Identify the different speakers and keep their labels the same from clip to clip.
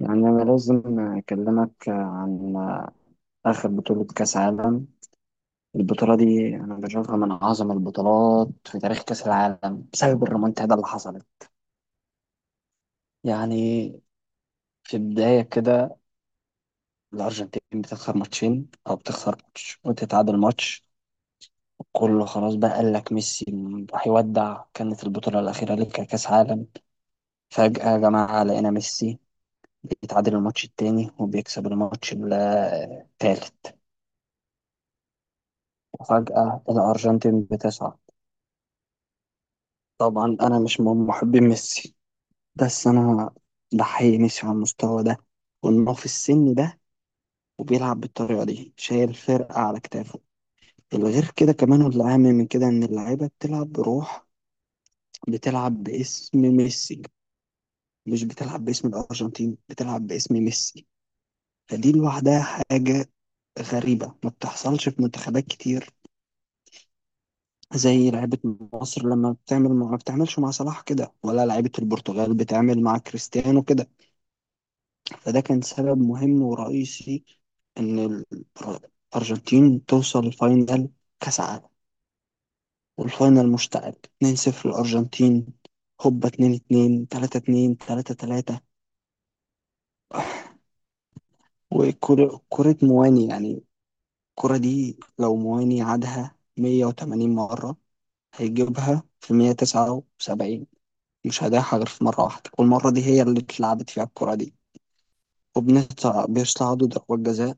Speaker 1: يعني أنا لازم أكلمك عن آخر بطولة كأس عالم. البطولة دي أنا بشوفها من أعظم البطولات في تاريخ كأس العالم بسبب الريمونتادا اللي حصلت. يعني في البداية كده الأرجنتين بتخسر ماتشين، أو بتخسر ماتش وتتعادل ماتش. كله خلاص بقى قال لك ميسي هيودع، كانت البطولة الأخيرة لك كأس عالم. فجأة يا جماعة لقينا ميسي بيتعادل الماتش التاني وبيكسب الماتش التالت، وفجأة الأرجنتين بتصعد. طبعا أنا مش من محبين ميسي، بس أنا بحيي ميسي على المستوى ده، وإنه في السن ده وبيلعب بالطريقة دي شايل فرقة على كتافه. الغير كده كمان والأهم من كده إن اللعيبة بتلعب بروح، بتلعب باسم ميسي، مش بتلعب باسم الأرجنتين، بتلعب باسم ميسي. فدي لوحدها حاجة غريبة ما بتحصلش في منتخبات كتير، زي لعيبة مصر لما بتعمل ما بتعملش مع صلاح كده، ولا لعيبة البرتغال بتعمل مع كريستيانو كده. فده كان سبب مهم ورئيسي إن الأر- الأرجنتين توصل لفاينل كأس عالم. والفاينل مشتعل، 2-0 الأرجنتين، هوبا 2-2، 3-2، 3-3. وكرة كرة مواني، يعني الكرة دي لو مواني عادها 180 مرة هيجيبها في 179، مش هيضيعها غير في مرة واحدة، والمرة دي هي اللي اتلعبت فيها الكرة دي. وبنطلع بيصعدوا ضربات جزاء.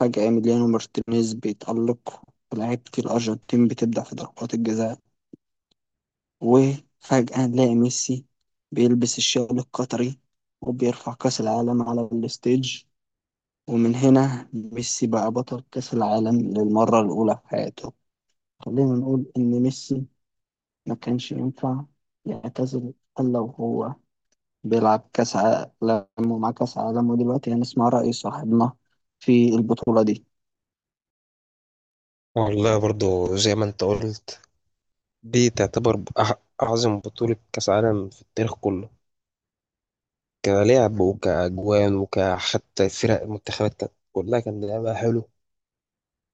Speaker 1: فجأة إيميليانو مارتينيز بيتألق، ولاعيبة الأرجنتين بتبدع في ضربات الجزاء. وفجأة نلاقي ميسي بيلبس الشال القطري وبيرفع كأس العالم على الستيج. ومن هنا ميسي بقى بطل كأس العالم للمرة الأولى في حياته. خلينا نقول إن ميسي ما كانش ينفع يعتزل إلا وهو بيلعب كأس عالم ومعاه كأس عالم. ودلوقتي هنسمع رأي صاحبنا في البطولة دي.
Speaker 2: والله برضو زي ما انت قلت، دي تعتبر أعظم بطولة كأس عالم في التاريخ كله. كلعب وكأجوان وكحتى فرق المنتخبات كانت كلها كان لعبها حلو.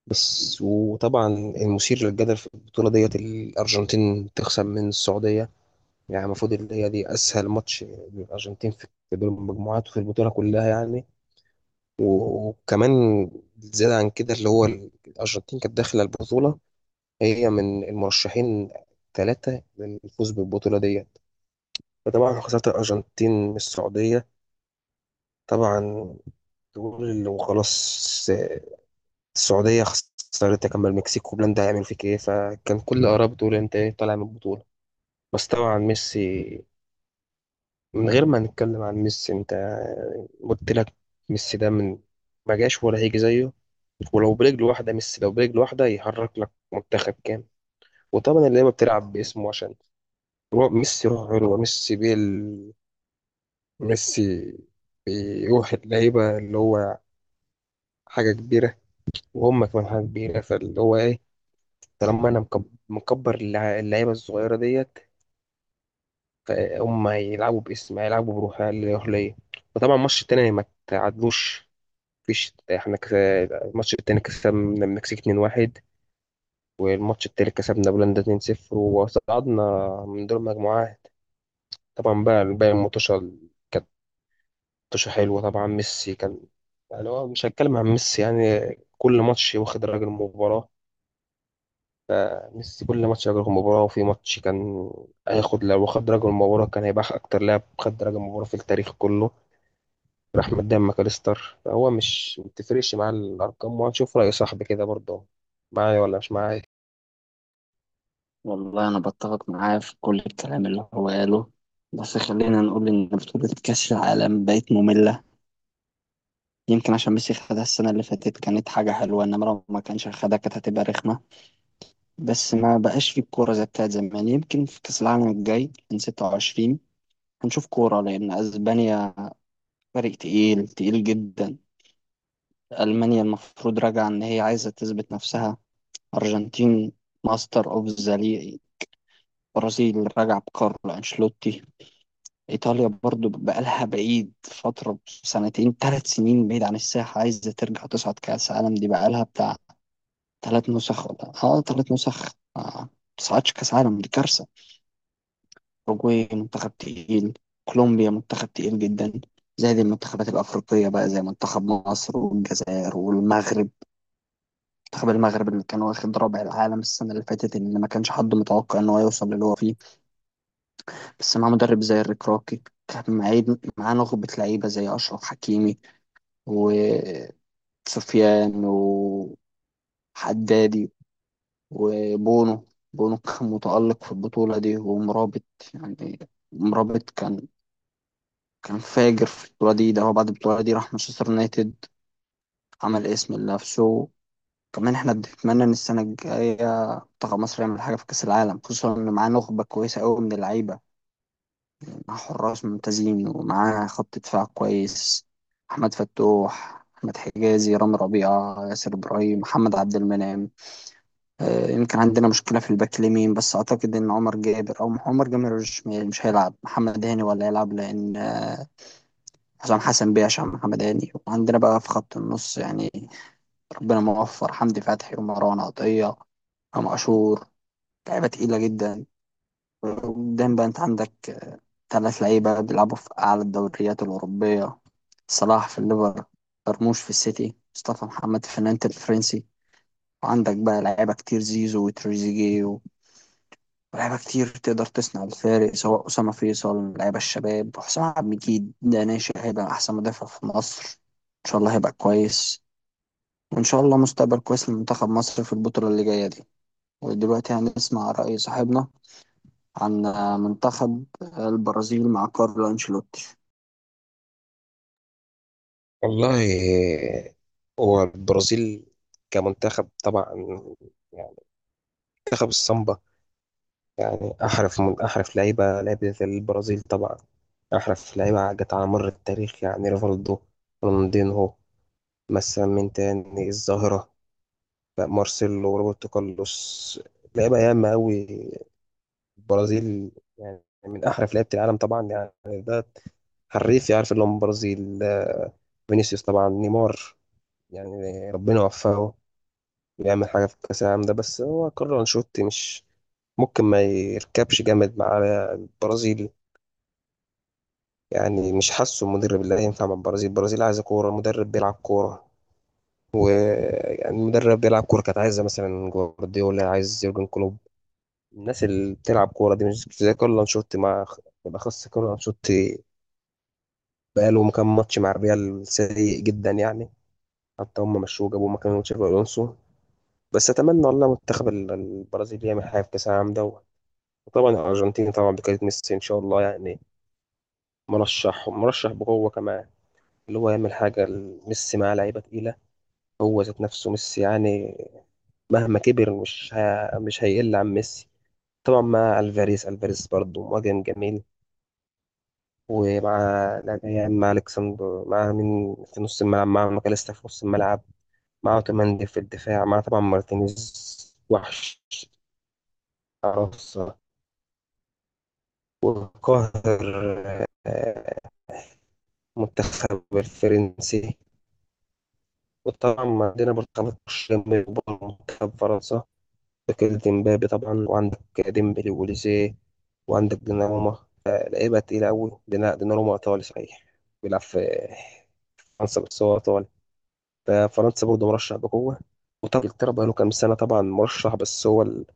Speaker 2: بس وطبعا المثير للجدل في البطولة ديت الأرجنتين تخسر من السعودية. يعني المفروض اللي هي دي أسهل ماتش للأرجنتين في دور المجموعات وفي البطولة كلها يعني. وكمان زيادة عن كده اللي هو الأرجنتين كانت داخلة البطولة، هي من المرشحين ثلاثة للفوز بالبطولة ديت. فطبعا خسارة الأرجنتين من السعودية، طبعا تقول وخلاص السعودية خسرت كمان المكسيك وبولندا، هيعمل فيك ايه؟ فكان كل الآراء بتقول انت ايه طالع من البطولة. بس طبعا ميسي، من غير ما نتكلم عن ميسي انت قلت لك، ميسي ده من ما جاش ولا هيجي زيه. ولو برجل واحدة، ميسي لو برجل واحدة يحرك لك منتخب كامل. وطبعا اللعيبة بتلعب باسمه، عشان هو ميسي روح حلوة، ميسي بيل ميسي بيروح اللعيبة، اللي هو حاجة كبيرة وهم كمان حاجة كبيرة. فاللي هو إيه، طالما أنا مكبر اللعيبة الصغيرة ديت، فهم هيلعبوا باسم، هيلعبوا بروح اللي يروح ليا. وطبعا الماتش التاني ما تعادلوش، مفيش، احنا الماتش التاني كسبنا المكسيك 2-1، والماتش التالت كسبنا بولندا 2-0 وصعدنا من دور المجموعات. طبعا بقى الباقي الماتشات، ماتش حلو. طبعا ميسي كان، يعني هو مش هتكلم عن ميسي يعني، كل ماتش واخد راجل المباراة. ميسي كل ماتش راجل المباراة، وفي ماتش كان هياخد، لو خد راجل المباراة كان هيبقى أكتر لاعب خد راجل المباراة في التاريخ كله. راح قدام ماكاليستر، هو مش ما بتفرقش مع الأرقام. وهنشوف رأي صاحبي كده برضه، معايا ولا مش معايا؟
Speaker 1: والله أنا بتفق معاه في كل الكلام اللي هو قاله، بس خلينا نقول إن بطولة كأس العالم بقت مملة. يمكن عشان ميسي خدها السنة اللي فاتت كانت حاجة حلوة، إنما لو ما كانش خدها كانت هتبقى رخمة. بس ما بقاش في الكورة زي بتاعت زمان. يمكن في كأس العالم الجاي من 26 هنشوف كورة، لأن أسبانيا فريق تقيل تقيل جدا. ألمانيا المفروض راجعة إن هي عايزة تثبت نفسها. أرجنتين ماستر أوف ذا. برازيل راجعة بكارلو أنشيلوتي. إيطاليا برضو بقالها بعيد فترة سنتين 3 سنين بعيد عن الساحة، عايزة ترجع تصعد. كأس عالم دي بقالها بتاع ثلاث نسخ، ولا ثلاث نسخ. ما تصعدش كأس عالم دي كارثة. أوروجواي منتخب تقيل. كولومبيا منتخب تقيل جدا. زائد المنتخبات الأفريقية بقى زي منتخب مصر والجزائر والمغرب. منتخب المغرب اللي كان واخد رابع العالم السنة اللي فاتت، اللي ما كانش حد متوقع إن هو يوصل للي هو فيه، بس مع مدرب زي الريك راكي. كان معاه نخبة لعيبة زي أشرف حكيمي وسفيان وحدادي وبونو. بونو كان متألق في البطولة دي، ومرابط يعني، مرابط كان فاجر في البطولة دي. ده هو بعد البطولة دي راح مانشستر يونايتد عمل اسم لنفسه. كمان احنا بنتمنى ان السنة الجاية منتخب مصر يعمل حاجة في كأس العالم، خصوصا ان معاه نخبة كويسة قوي من اللعيبة، مع حراس ممتازين ومعاه خط دفاع كويس. أحمد فتوح، أحمد حجازي، رامي ربيعة، ياسر إبراهيم، محمد عبد المنعم. يمكن عندنا مشكلة في الباك اليمين، بس أعتقد إن عمر جابر أو عمر جابر مش هيلعب. محمد هاني ولا هيلعب، لأن حسام حسن بيعش عن محمد هاني. وعندنا بقى في خط النص يعني ربنا موفر حمدي فتحي ومروان عطية، أم عاشور، لعيبة تقيلة جدا. قدام بقى أنت عندك ثلاث لعيبة بيلعبوا في أعلى الدوريات الأوروبية: صلاح في الليفر، مرموش في السيتي، مصطفى محمد في نانت الفرنسي. وعندك بقى لعيبة كتير، زيزو وتريزيجيه، ولعيبة كتير تقدر تصنع الفارق سواء أسامة فيصل لعيبة الشباب، وحسام عبد المجيد ده ناشئ هيبقى أحسن مدافع في مصر إن شاء الله، هيبقى كويس. وإن شاء الله مستقبل كويس لمنتخب مصر في البطولة اللي جاية دي. ودلوقتي هنسمع رأي صاحبنا عن منتخب البرازيل مع كارلو أنشيلوتي.
Speaker 2: والله، هو البرازيل كمنتخب طبعا، يعني منتخب السامبا، يعني أحرف من أحرف لعيبة، لعيبة البرازيل طبعا أحرف لعيبة جت على مر التاريخ. يعني ريفالدو، رونالدينهو، مثلا مين تاني؟ الظاهرة، لا، مارسيلو وروبرتو كارلوس، لعيبة ياما أوي البرازيل. يعني من أحرف لعيبة العالم طبعا، يعني ده حريف يعرف اللي هو من البرازيل. آه، فينيسيوس، طبعا نيمار، يعني ربنا يوفقه يعمل حاجة في كأس العالم ده. بس هو كارلو أنشيلوتي مش ممكن ما يركبش جامد مع البرازيل. يعني مش حاسه المدرب اللي هينفع مع البرازيل، البرازيل عايزة كورة، مدرب بيلعب كورة. ويعني مدرب بيلعب كورة، كانت عايزة مثلا جوارديولا، عايز يورجن كلوب، الناس اللي بتلعب كورة دي، مش زي كارلو أنشيلوتي. مع بالأخص كارلو أنشيلوتي، بقاله كام ماتش مع الريال سيء جدا يعني. حتى هم مشوه جابوا مكان تشابي ألونسو. بس أتمنى والله منتخب البرازيل يعمل حاجة في كأس العالم ده. وطبعا الأرجنتين، طبعا بكرة ميسي إن شاء الله، يعني مرشح، مرشح بقوة كمان، اللي هو يعمل حاجة. ميسي مع لعيبة تقيلة، هو ذات نفسه ميسي، يعني مهما كبر مش هيقل عن ميسي. طبعا مع الفاريز، الفاريز برضه مهاجم جميل، ومع يعني مع الكسندر، مع مين في نص الملعب؟ مع ماكاليستا في نص الملعب، مع اوتوماندي في الدفاع، مع طبعا مارتينيز، وحش، عرصة، وقاهر. آه، المنتخب الفرنسي، وطبعا عندنا برشلونة جميل، وبرضه منتخب فرنسا، تاكل ديمبابي طبعا، وعندك ديمبلي ووليزيه، وعندك ديناروما، فلعيبة تقيلة أوي. ديناروما إيطالي صحيح بيلعب في فرنسا، بس هو إيطالي. ففرنسا برضه مرشح بقوة. وطبعا إنجلترا بقاله كام سنة طبعا مرشح، بس هو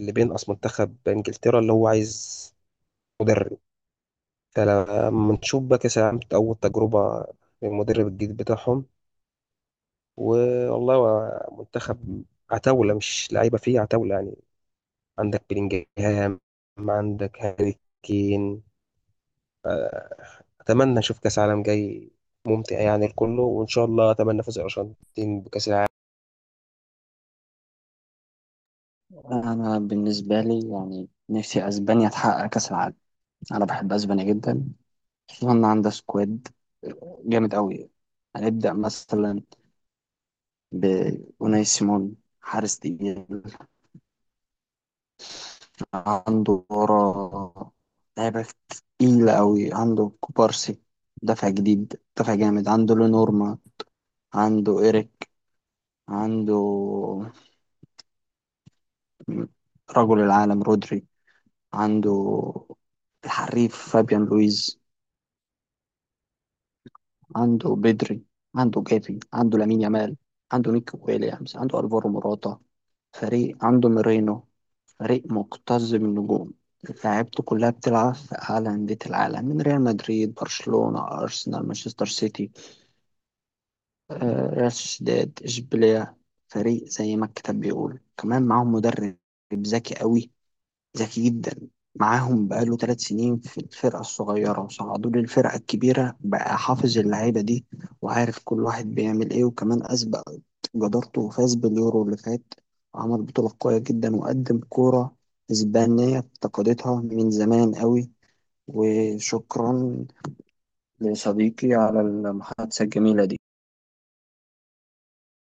Speaker 2: اللي بينقص منتخب إنجلترا اللي هو عايز مدرب. فلما نشوف بقى كأس العالم أول تجربة للمدرب الجديد بتاعهم. والله هو منتخب عتاولة، مش لعيبة، فيه عتاولة يعني. عندك بلينجهام، عندك هاري كين. أتمنى أشوف كأس عالم جاي ممتع يعني الكله، وإن شاء الله أتمنى فوز الأرجنتين بكأس العالم.
Speaker 1: أنا بالنسبة لي يعني نفسي أسبانيا تحقق كأس العالم. أنا بحب أسبانيا جدا، خصوصا إن عندها سكواد جامد أوي. هنبدأ مثلا بأوناي سيمون، حارس تقيل. عنده ورا لعيبة تقيلة أوي، عنده كوبارسي دفع جديد دفع جامد، عنده لونورما، عنده إيريك، عنده رجل العالم رودري، عنده الحريف فابيان لويز، عنده بدري، عنده جافي، عنده لامين يامال، عنده نيكو ويليامز، عنده الفارو موراتا. فريق عنده ميرينو. فريق مكتظ بالنجوم، لعيبته كلها بتلعب في أعلى أندية العالم من ريال مدريد، برشلونة، أرسنال، مانشستر سيتي، ريال سوسيداد، إشبيلية. فريق زي ما الكتاب بيقول. كمان معاهم مدرب ذكي قوي، ذكي جدا. معاهم بقاله 3 سنين في الفرقة الصغيرة وصعدوا للفرقة الكبيرة، بقى حافظ اللعيبة دي وعارف كل واحد بيعمل ايه. وكمان أثبت جدارته وفاز باليورو اللي فات، وعمل بطولة قوية جدا وقدم كورة إسبانية افتقدتها من زمان قوي. وشكرا لصديقي على المحادثة الجميلة دي.